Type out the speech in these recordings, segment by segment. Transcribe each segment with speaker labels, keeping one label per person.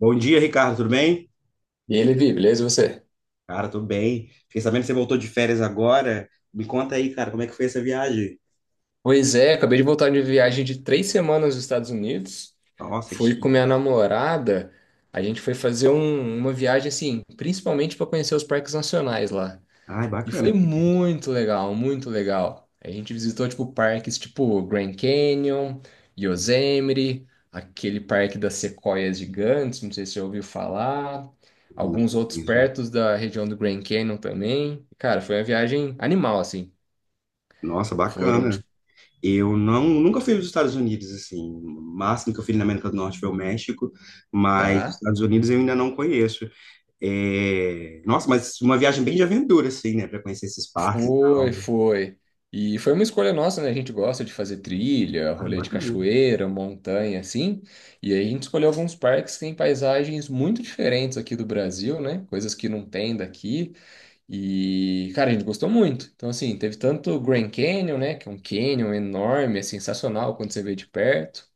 Speaker 1: Bom dia, Ricardo, tudo bem?
Speaker 2: E aí, Levi, beleza? E você?
Speaker 1: Cara, tudo bem. Fiquei sabendo que você voltou de férias agora. Me conta aí, cara, como é que foi essa viagem?
Speaker 2: Pois é, acabei de voltar de viagem de 3 semanas nos Estados Unidos.
Speaker 1: Nossa, que
Speaker 2: Fui com
Speaker 1: chique.
Speaker 2: minha namorada. A gente foi fazer uma viagem, assim, principalmente para conhecer os parques nacionais lá.
Speaker 1: Ai,
Speaker 2: E
Speaker 1: bacana.
Speaker 2: foi muito legal, muito legal. A gente visitou, tipo, parques tipo Grand Canyon, Yosemite, aquele parque das sequoias gigantes, não sei se você já ouviu falar. Alguns outros perto da região do Grand Canyon também. Cara, foi uma viagem animal, assim.
Speaker 1: Nossa,
Speaker 2: Foram,
Speaker 1: bacana.
Speaker 2: tipo,
Speaker 1: Eu não, nunca fui nos Estados Unidos, assim. O máximo que eu fui na América do Norte foi o México, mas os
Speaker 2: tá.
Speaker 1: Estados Unidos eu ainda não conheço. É, nossa, mas uma viagem bem de aventura, assim, né? Pra conhecer esses parques e
Speaker 2: Foi,
Speaker 1: tal.
Speaker 2: foi. E foi uma escolha nossa, né? A gente gosta de fazer trilha,
Speaker 1: Ah,
Speaker 2: rolê de
Speaker 1: bacana.
Speaker 2: cachoeira, montanha, assim. E aí a gente escolheu alguns parques que têm paisagens muito diferentes aqui do Brasil, né? Coisas que não tem daqui. E, cara, a gente gostou muito. Então, assim, teve tanto o Grand Canyon, né? Que é um canyon enorme, é sensacional quando você vê de perto.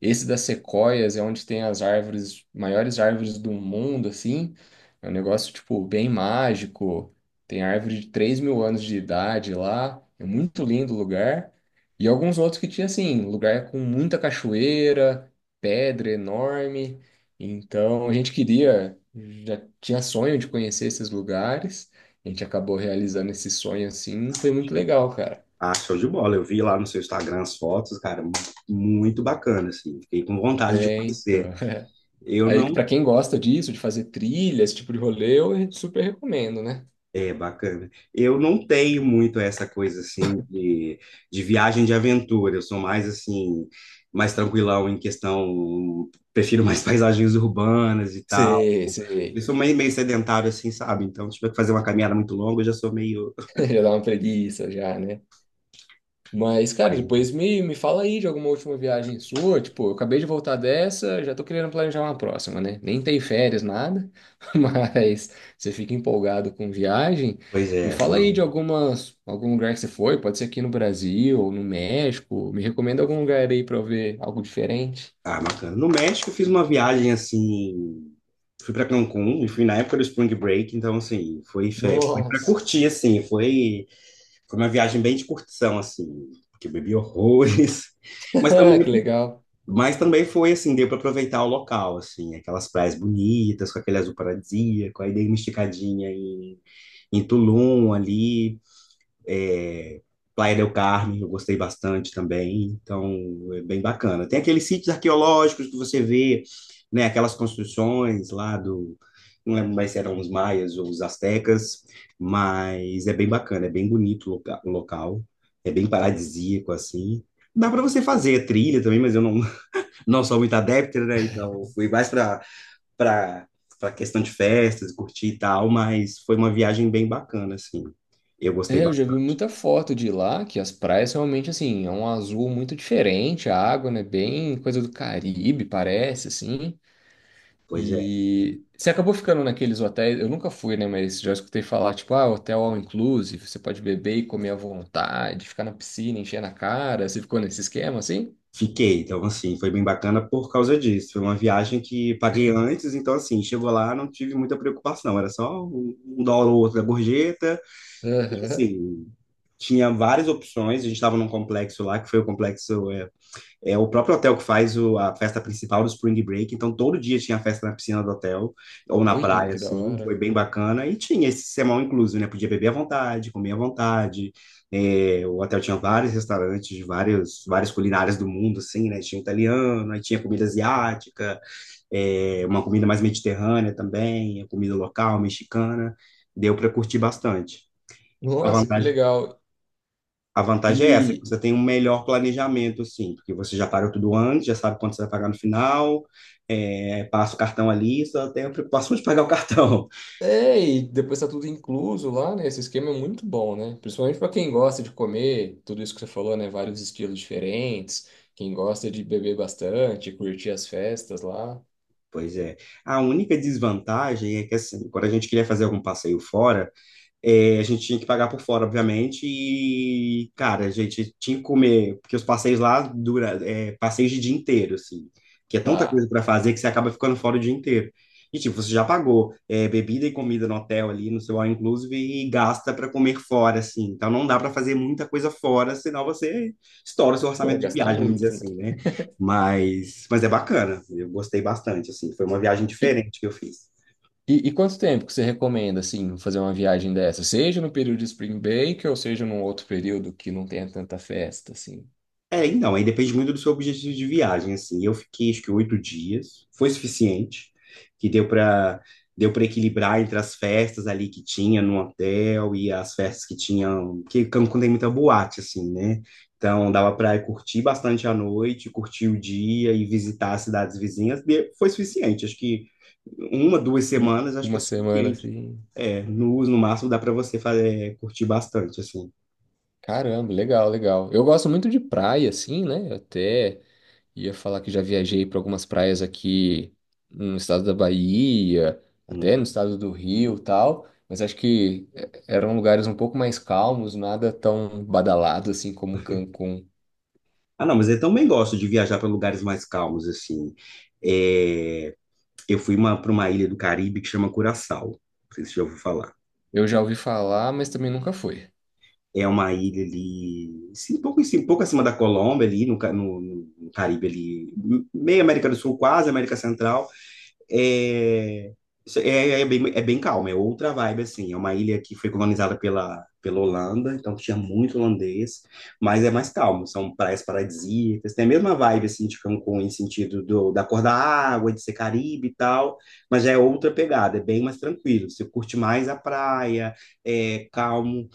Speaker 2: Esse das sequoias é onde tem as árvores, maiores árvores do mundo, assim. É um negócio, tipo, bem mágico. Tem árvore de 3 mil anos de idade lá. É muito lindo o lugar. E alguns outros que tinha, assim, lugar com muita cachoeira, pedra enorme. Então, a gente queria, já tinha sonho de conhecer esses lugares. A gente acabou realizando esse sonho, assim. Foi muito legal, cara.
Speaker 1: Ah, show de bola. Eu vi lá no seu Instagram as fotos, cara, muito bacana, assim. Fiquei com vontade de
Speaker 2: É, então.
Speaker 1: conhecer. Eu
Speaker 2: Aí, que para
Speaker 1: não.
Speaker 2: quem gosta disso, de fazer trilha, esse tipo de rolê, eu super recomendo, né?
Speaker 1: É bacana. Eu não tenho muito essa coisa, assim, de viagem de aventura. Eu sou mais, assim, mais tranquilão em questão. Prefiro mais paisagens urbanas e tal.
Speaker 2: Sei,
Speaker 1: Eu
Speaker 2: sei.
Speaker 1: sou meio, meio sedentário, assim, sabe? Então, se tiver que fazer uma caminhada muito longa, eu já sou meio.
Speaker 2: Já dá uma preguiça, já, né? Mas, cara, depois me fala aí de alguma última viagem sua. Tipo, eu acabei de voltar dessa, já tô querendo planejar uma próxima, né? Nem tem férias, nada. Mas você fica empolgado com viagem.
Speaker 1: Pois
Speaker 2: Me
Speaker 1: é,
Speaker 2: fala aí
Speaker 1: não.
Speaker 2: de algum lugar que você foi. Pode ser aqui no Brasil ou no México. Me recomenda algum lugar aí pra eu ver algo diferente.
Speaker 1: Ah, bacana. No México eu fiz uma viagem assim, fui para Cancún e fui na época do Spring Break, então assim, foi para
Speaker 2: Nossa,
Speaker 1: curtir assim, foi uma viagem bem de curtição assim, porque eu bebi horrores, mas também
Speaker 2: que legal.
Speaker 1: mas também foi assim, deu para aproveitar o local assim, aquelas praias bonitas, com aquele azul paradisíaco, aí dei uma esticadinha em, em Tulum ali, é, Playa del Carmen, eu gostei bastante também, então é bem bacana. Tem aqueles sítios arqueológicos que você vê, né, aquelas construções lá do, não lembro mais se eram os maias ou os astecas, mas é bem bacana, é bem bonito o o local, é bem paradisíaco assim. Dá para você fazer trilha também, mas eu não, não sou muito adepto, né? Então eu fui mais para para questão de festas, curtir e tal, mas foi uma viagem bem bacana assim. Eu gostei
Speaker 2: É, eu já vi
Speaker 1: bastante.
Speaker 2: muita foto de lá, que as praias realmente, assim, é um azul muito diferente, a água, né, bem coisa do Caribe, parece, assim.
Speaker 1: Pois é,
Speaker 2: E você acabou ficando naqueles hotéis, eu nunca fui, né, mas já escutei falar, tipo, ah, hotel all inclusive, você pode beber e comer à vontade, ficar na piscina, encher na cara, você ficou nesse esquema, assim?
Speaker 1: fiquei. Então, assim, foi bem bacana por causa disso. Foi uma viagem que paguei antes, então, assim, chegou lá, não tive muita preocupação. Era só um dólar ou outro da gorjeta. E,
Speaker 2: Aham.
Speaker 1: assim, tinha várias opções. A gente estava num complexo lá, que foi o complexo é o próprio hotel que faz a festa principal do Spring Break, então todo dia tinha festa na piscina do hotel, ou na
Speaker 2: Olha,
Speaker 1: praia,
Speaker 2: que da
Speaker 1: assim, foi
Speaker 2: hora.
Speaker 1: bem bacana, e tinha esse sermão incluso, né? Podia beber à vontade, comer à vontade, é, o hotel tinha vários restaurantes, de várias culinárias do mundo, assim, né? Tinha italiano, aí tinha comida asiática, é, uma comida mais mediterrânea também, a comida local, mexicana, deu para curtir bastante. A
Speaker 2: Nossa, que
Speaker 1: vantagem,
Speaker 2: legal.
Speaker 1: a vantagem é essa, que
Speaker 2: e
Speaker 1: você tem um melhor planejamento, sim, porque você já pagou tudo antes, já sabe quanto você vai pagar no final, é, passa o cartão ali, só tem a preocupação de pagar o cartão.
Speaker 2: É, e depois tá tudo incluso lá, né? Esse esquema é muito bom, né? Principalmente para quem gosta de comer tudo isso que você falou, né? Vários estilos diferentes, quem gosta de beber bastante, curtir as festas lá,
Speaker 1: Pois é. A única desvantagem é que, assim, quando a gente queria fazer algum passeio fora, é, a gente tinha que pagar por fora, obviamente, e, cara, a gente tinha que comer, porque os passeios lá dura, é, passeios de dia inteiro, assim, que é tanta
Speaker 2: tá.
Speaker 1: coisa para fazer que você acaba ficando fora o dia inteiro. E, tipo, você já pagou é, bebida e comida no hotel ali, no seu all inclusive, e gasta para comer fora, assim. Então, não dá para fazer muita coisa fora, senão você estoura o seu
Speaker 2: Vai
Speaker 1: orçamento de
Speaker 2: gastar
Speaker 1: viagem, vamos dizer
Speaker 2: muito, né?
Speaker 1: assim, né? Mas é bacana, eu gostei bastante, assim. Foi uma viagem
Speaker 2: E,
Speaker 1: diferente que eu fiz.
Speaker 2: e quanto tempo que você recomenda, assim, fazer uma viagem dessa? Seja no período de Spring Break ou seja num outro período que não tenha tanta festa, assim?
Speaker 1: É, então, aí depende muito do seu objetivo de viagem, assim. Eu fiquei, acho que 8 dias, foi suficiente, que deu para equilibrar entre as festas ali que tinha no hotel e as festas que tinham, que Cancún tem muita boate, assim, né? Então, dava para curtir bastante a noite, curtir o dia e visitar as cidades vizinhas, foi suficiente. Acho que uma, duas
Speaker 2: U-
Speaker 1: semanas, acho que
Speaker 2: Uma
Speaker 1: é
Speaker 2: semana,
Speaker 1: suficiente.
Speaker 2: assim.
Speaker 1: É, no máximo dá para você fazer, curtir bastante, assim.
Speaker 2: Caramba, legal, legal. Eu gosto muito de praia, assim, né? Até. Ia falar que já viajei para algumas praias aqui no estado da Bahia, até no
Speaker 1: Um,
Speaker 2: estado do Rio, e tal, mas acho que eh, eram lugares um pouco mais calmos, nada tão badalado assim como Cancún.
Speaker 1: ah, não, mas eu também gosto de viajar para lugares mais calmos, assim. É, eu fui uma, para uma ilha do Caribe que chama Curaçao. Não sei se você já ouviu falar.
Speaker 2: Eu já ouvi falar, mas também nunca fui.
Speaker 1: É uma ilha ali, sim, um pouco, um pouco acima da Colômbia, ali no, no Caribe, ali, meio América do Sul, quase América Central. É, isso é, é bem calmo, é outra vibe, assim. É uma ilha que foi colonizada pela Holanda, então tinha muito holandês, mas é mais calmo. São praias paradisíacas, tem a mesma vibe, assim, de Cancún, em sentido do, da cor da água, de ser Caribe e tal, mas já é outra pegada, é bem mais tranquilo. Você curte mais a praia, é calmo.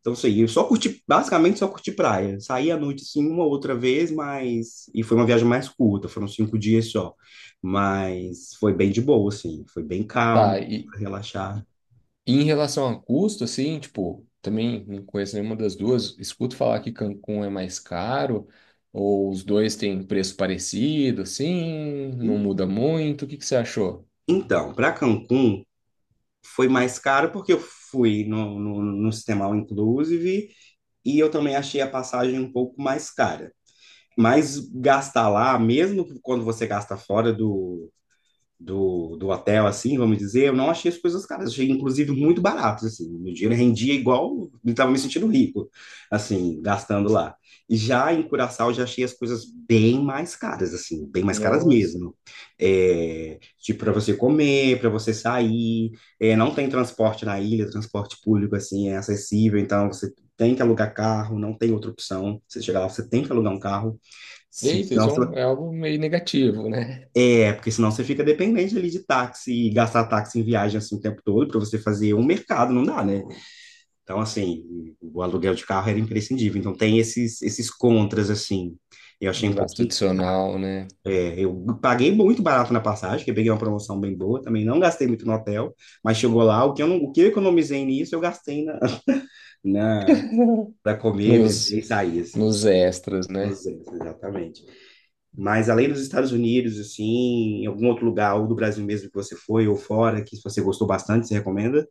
Speaker 1: Então, assim, eu só curti, basicamente só curti praia. Saí à noite, assim, uma outra vez, mas e foi uma viagem mais curta, foram 5 dias só. Mas foi bem de boa, assim. Foi bem calmo,
Speaker 2: Tá,
Speaker 1: pra relaxar.
Speaker 2: e em relação a custo, assim, tipo, também não conheço nenhuma das duas. Escuto falar que Cancún é mais caro, ou os dois têm preço parecido, assim, não muda muito. O que que você achou?
Speaker 1: Então, para Cancún, foi mais caro porque eu fui no sistema All Inclusive e eu também achei a passagem um pouco mais cara. Mas gastar lá, mesmo quando você gasta fora do hotel, assim, vamos dizer, eu não achei as coisas caras, achei inclusive muito baratos, assim, meu dinheiro rendia igual, eu estava me sentindo rico, assim, gastando lá. E já em Curaçao, eu já achei as coisas bem mais caras, assim, bem mais caras
Speaker 2: Nossa.
Speaker 1: mesmo. É, tipo, para você comer, para você sair, é, não tem transporte na ilha, transporte público, assim, é acessível, então você tem que alugar carro, não tem outra opção. Você chegar lá, você tem que alugar um carro,
Speaker 2: Eita,
Speaker 1: senão
Speaker 2: isso é,
Speaker 1: você
Speaker 2: é algo meio negativo, né?
Speaker 1: é, porque senão você fica dependente ali de táxi e gastar táxi em viagem assim o tempo todo para você fazer um mercado, não dá, né? Então, assim, o aluguel de carro era imprescindível. Então, tem esses contras, assim. Eu achei um
Speaker 2: Um gasto
Speaker 1: pouquinho.
Speaker 2: adicional, né?
Speaker 1: É, eu paguei muito barato na passagem, que eu peguei uma promoção bem boa também. Não gastei muito no hotel, mas chegou lá, o que eu, não, o que eu economizei nisso, eu gastei na, para comer, beber
Speaker 2: Nos,
Speaker 1: e sair, assim.
Speaker 2: nos extras, né?
Speaker 1: Nos exatamente. Mas além dos Estados Unidos, assim, em algum outro lugar, ou do Brasil mesmo que você foi, ou fora, que você gostou bastante, você recomenda?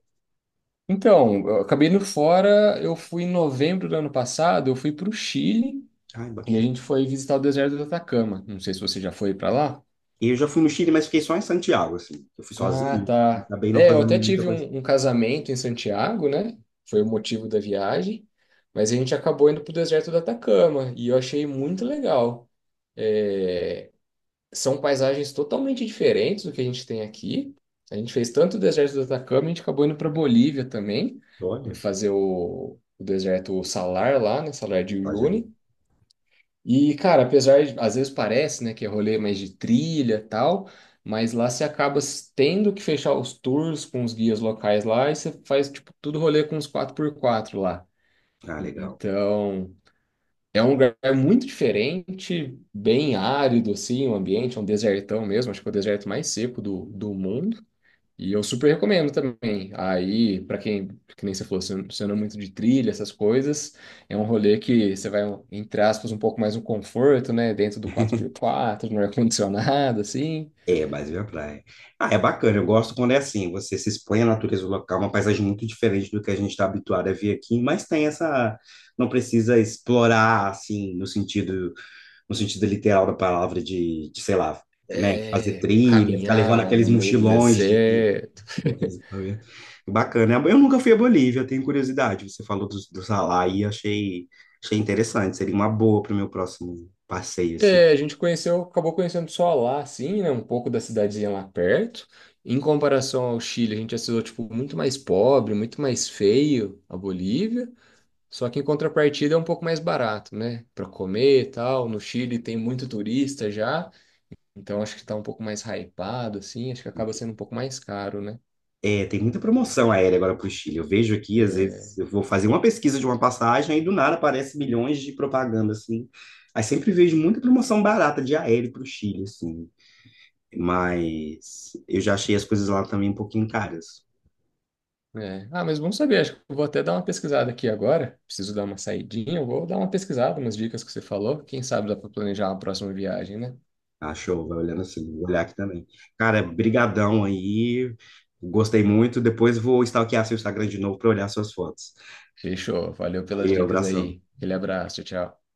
Speaker 2: Então, eu acabei indo fora, eu fui em novembro do ano passado, eu fui para o Chile
Speaker 1: Ai,
Speaker 2: e a
Speaker 1: bacana.
Speaker 2: gente foi visitar o deserto do Atacama. Não sei se você já foi para lá.
Speaker 1: Eu já fui no Chile, mas fiquei só em Santiago, assim. Eu fui
Speaker 2: Ah,
Speaker 1: sozinho,
Speaker 2: tá.
Speaker 1: acabei não
Speaker 2: É, eu
Speaker 1: fazendo
Speaker 2: até
Speaker 1: muita
Speaker 2: tive
Speaker 1: coisa.
Speaker 2: um casamento em Santiago, né? Foi o motivo da viagem, mas a gente acabou indo para o deserto do Atacama e eu achei muito legal. É, são paisagens totalmente diferentes do que a gente tem aqui. A gente fez tanto o deserto do Atacama, a gente acabou indo para Bolívia também,
Speaker 1: Olha,
Speaker 2: fazer o deserto Salar lá, né? Salar de
Speaker 1: olha aí.
Speaker 2: Uyuni. E, cara, apesar de, às vezes parece, né, que é rolê mais de trilha e tal, mas lá você acaba tendo que fechar os tours com os guias locais lá e você faz, tipo, tudo rolê com os 4 por 4 lá.
Speaker 1: Ah, legal.
Speaker 2: Então, é um lugar muito diferente, bem árido, assim, o ambiente, é um desertão mesmo, acho que é o deserto mais seco do mundo. E eu super recomendo também. Aí, para quem, que nem você falou, você não é muito de trilha, essas coisas, é um rolê que você vai, entre aspas, um pouco mais no conforto, né? Dentro do 4 por 4, no ar-condicionado, assim.
Speaker 1: É, Brasil é praia. Ah, é bacana. Eu gosto quando é assim. Você se expõe à natureza local, uma paisagem muito diferente do que a gente está habituado a ver aqui, mas tem essa. Não precisa explorar, assim, no sentido literal da palavra, de, sei lá, né, fazer
Speaker 2: É,
Speaker 1: trilha, ficar levando
Speaker 2: caminhar
Speaker 1: aqueles
Speaker 2: no meio do
Speaker 1: mochilões
Speaker 2: deserto.
Speaker 1: de aqueles. Bacana. Eu nunca fui à Bolívia, eu tenho curiosidade. Você falou do Salar e achei, achei interessante. Seria uma boa para o meu próximo passeio, assim.
Speaker 2: É, a gente conheceu, acabou conhecendo só lá, assim, né? Um pouco da cidadezinha lá perto. Em comparação ao Chile, a gente achou, tipo, muito mais pobre, muito mais feio a Bolívia. Só que em contrapartida é um pouco mais barato, né? Pra comer e tal. No Chile tem muito turista já, então acho que tá um pouco mais hypado, assim. Acho que acaba sendo um pouco mais caro, né?
Speaker 1: É, tem muita promoção aérea agora para o Chile. Eu vejo aqui, às
Speaker 2: É,
Speaker 1: vezes, eu vou fazer uma pesquisa de uma passagem e do nada aparece milhões de propaganda, assim. Aí sempre vejo muita promoção barata de aéreo para o Chile, assim. Mas eu já achei as coisas lá também um pouquinho caras.
Speaker 2: é. Ah, mas vamos saber. Acho que eu vou até dar uma pesquisada aqui agora. Preciso dar uma saidinha. Eu vou dar uma pesquisada, umas dicas que você falou. Quem sabe dá pra planejar uma próxima viagem, né?
Speaker 1: Achou, vai olhando assim, vou olhar aqui também. Cara, brigadão aí. Gostei muito. Depois vou stalkear seu Instagram de novo para olhar suas fotos.
Speaker 2: Fechou. Valeu pelas
Speaker 1: Valeu,
Speaker 2: dicas
Speaker 1: abração.
Speaker 2: aí. Aquele abraço. Tchau, tchau.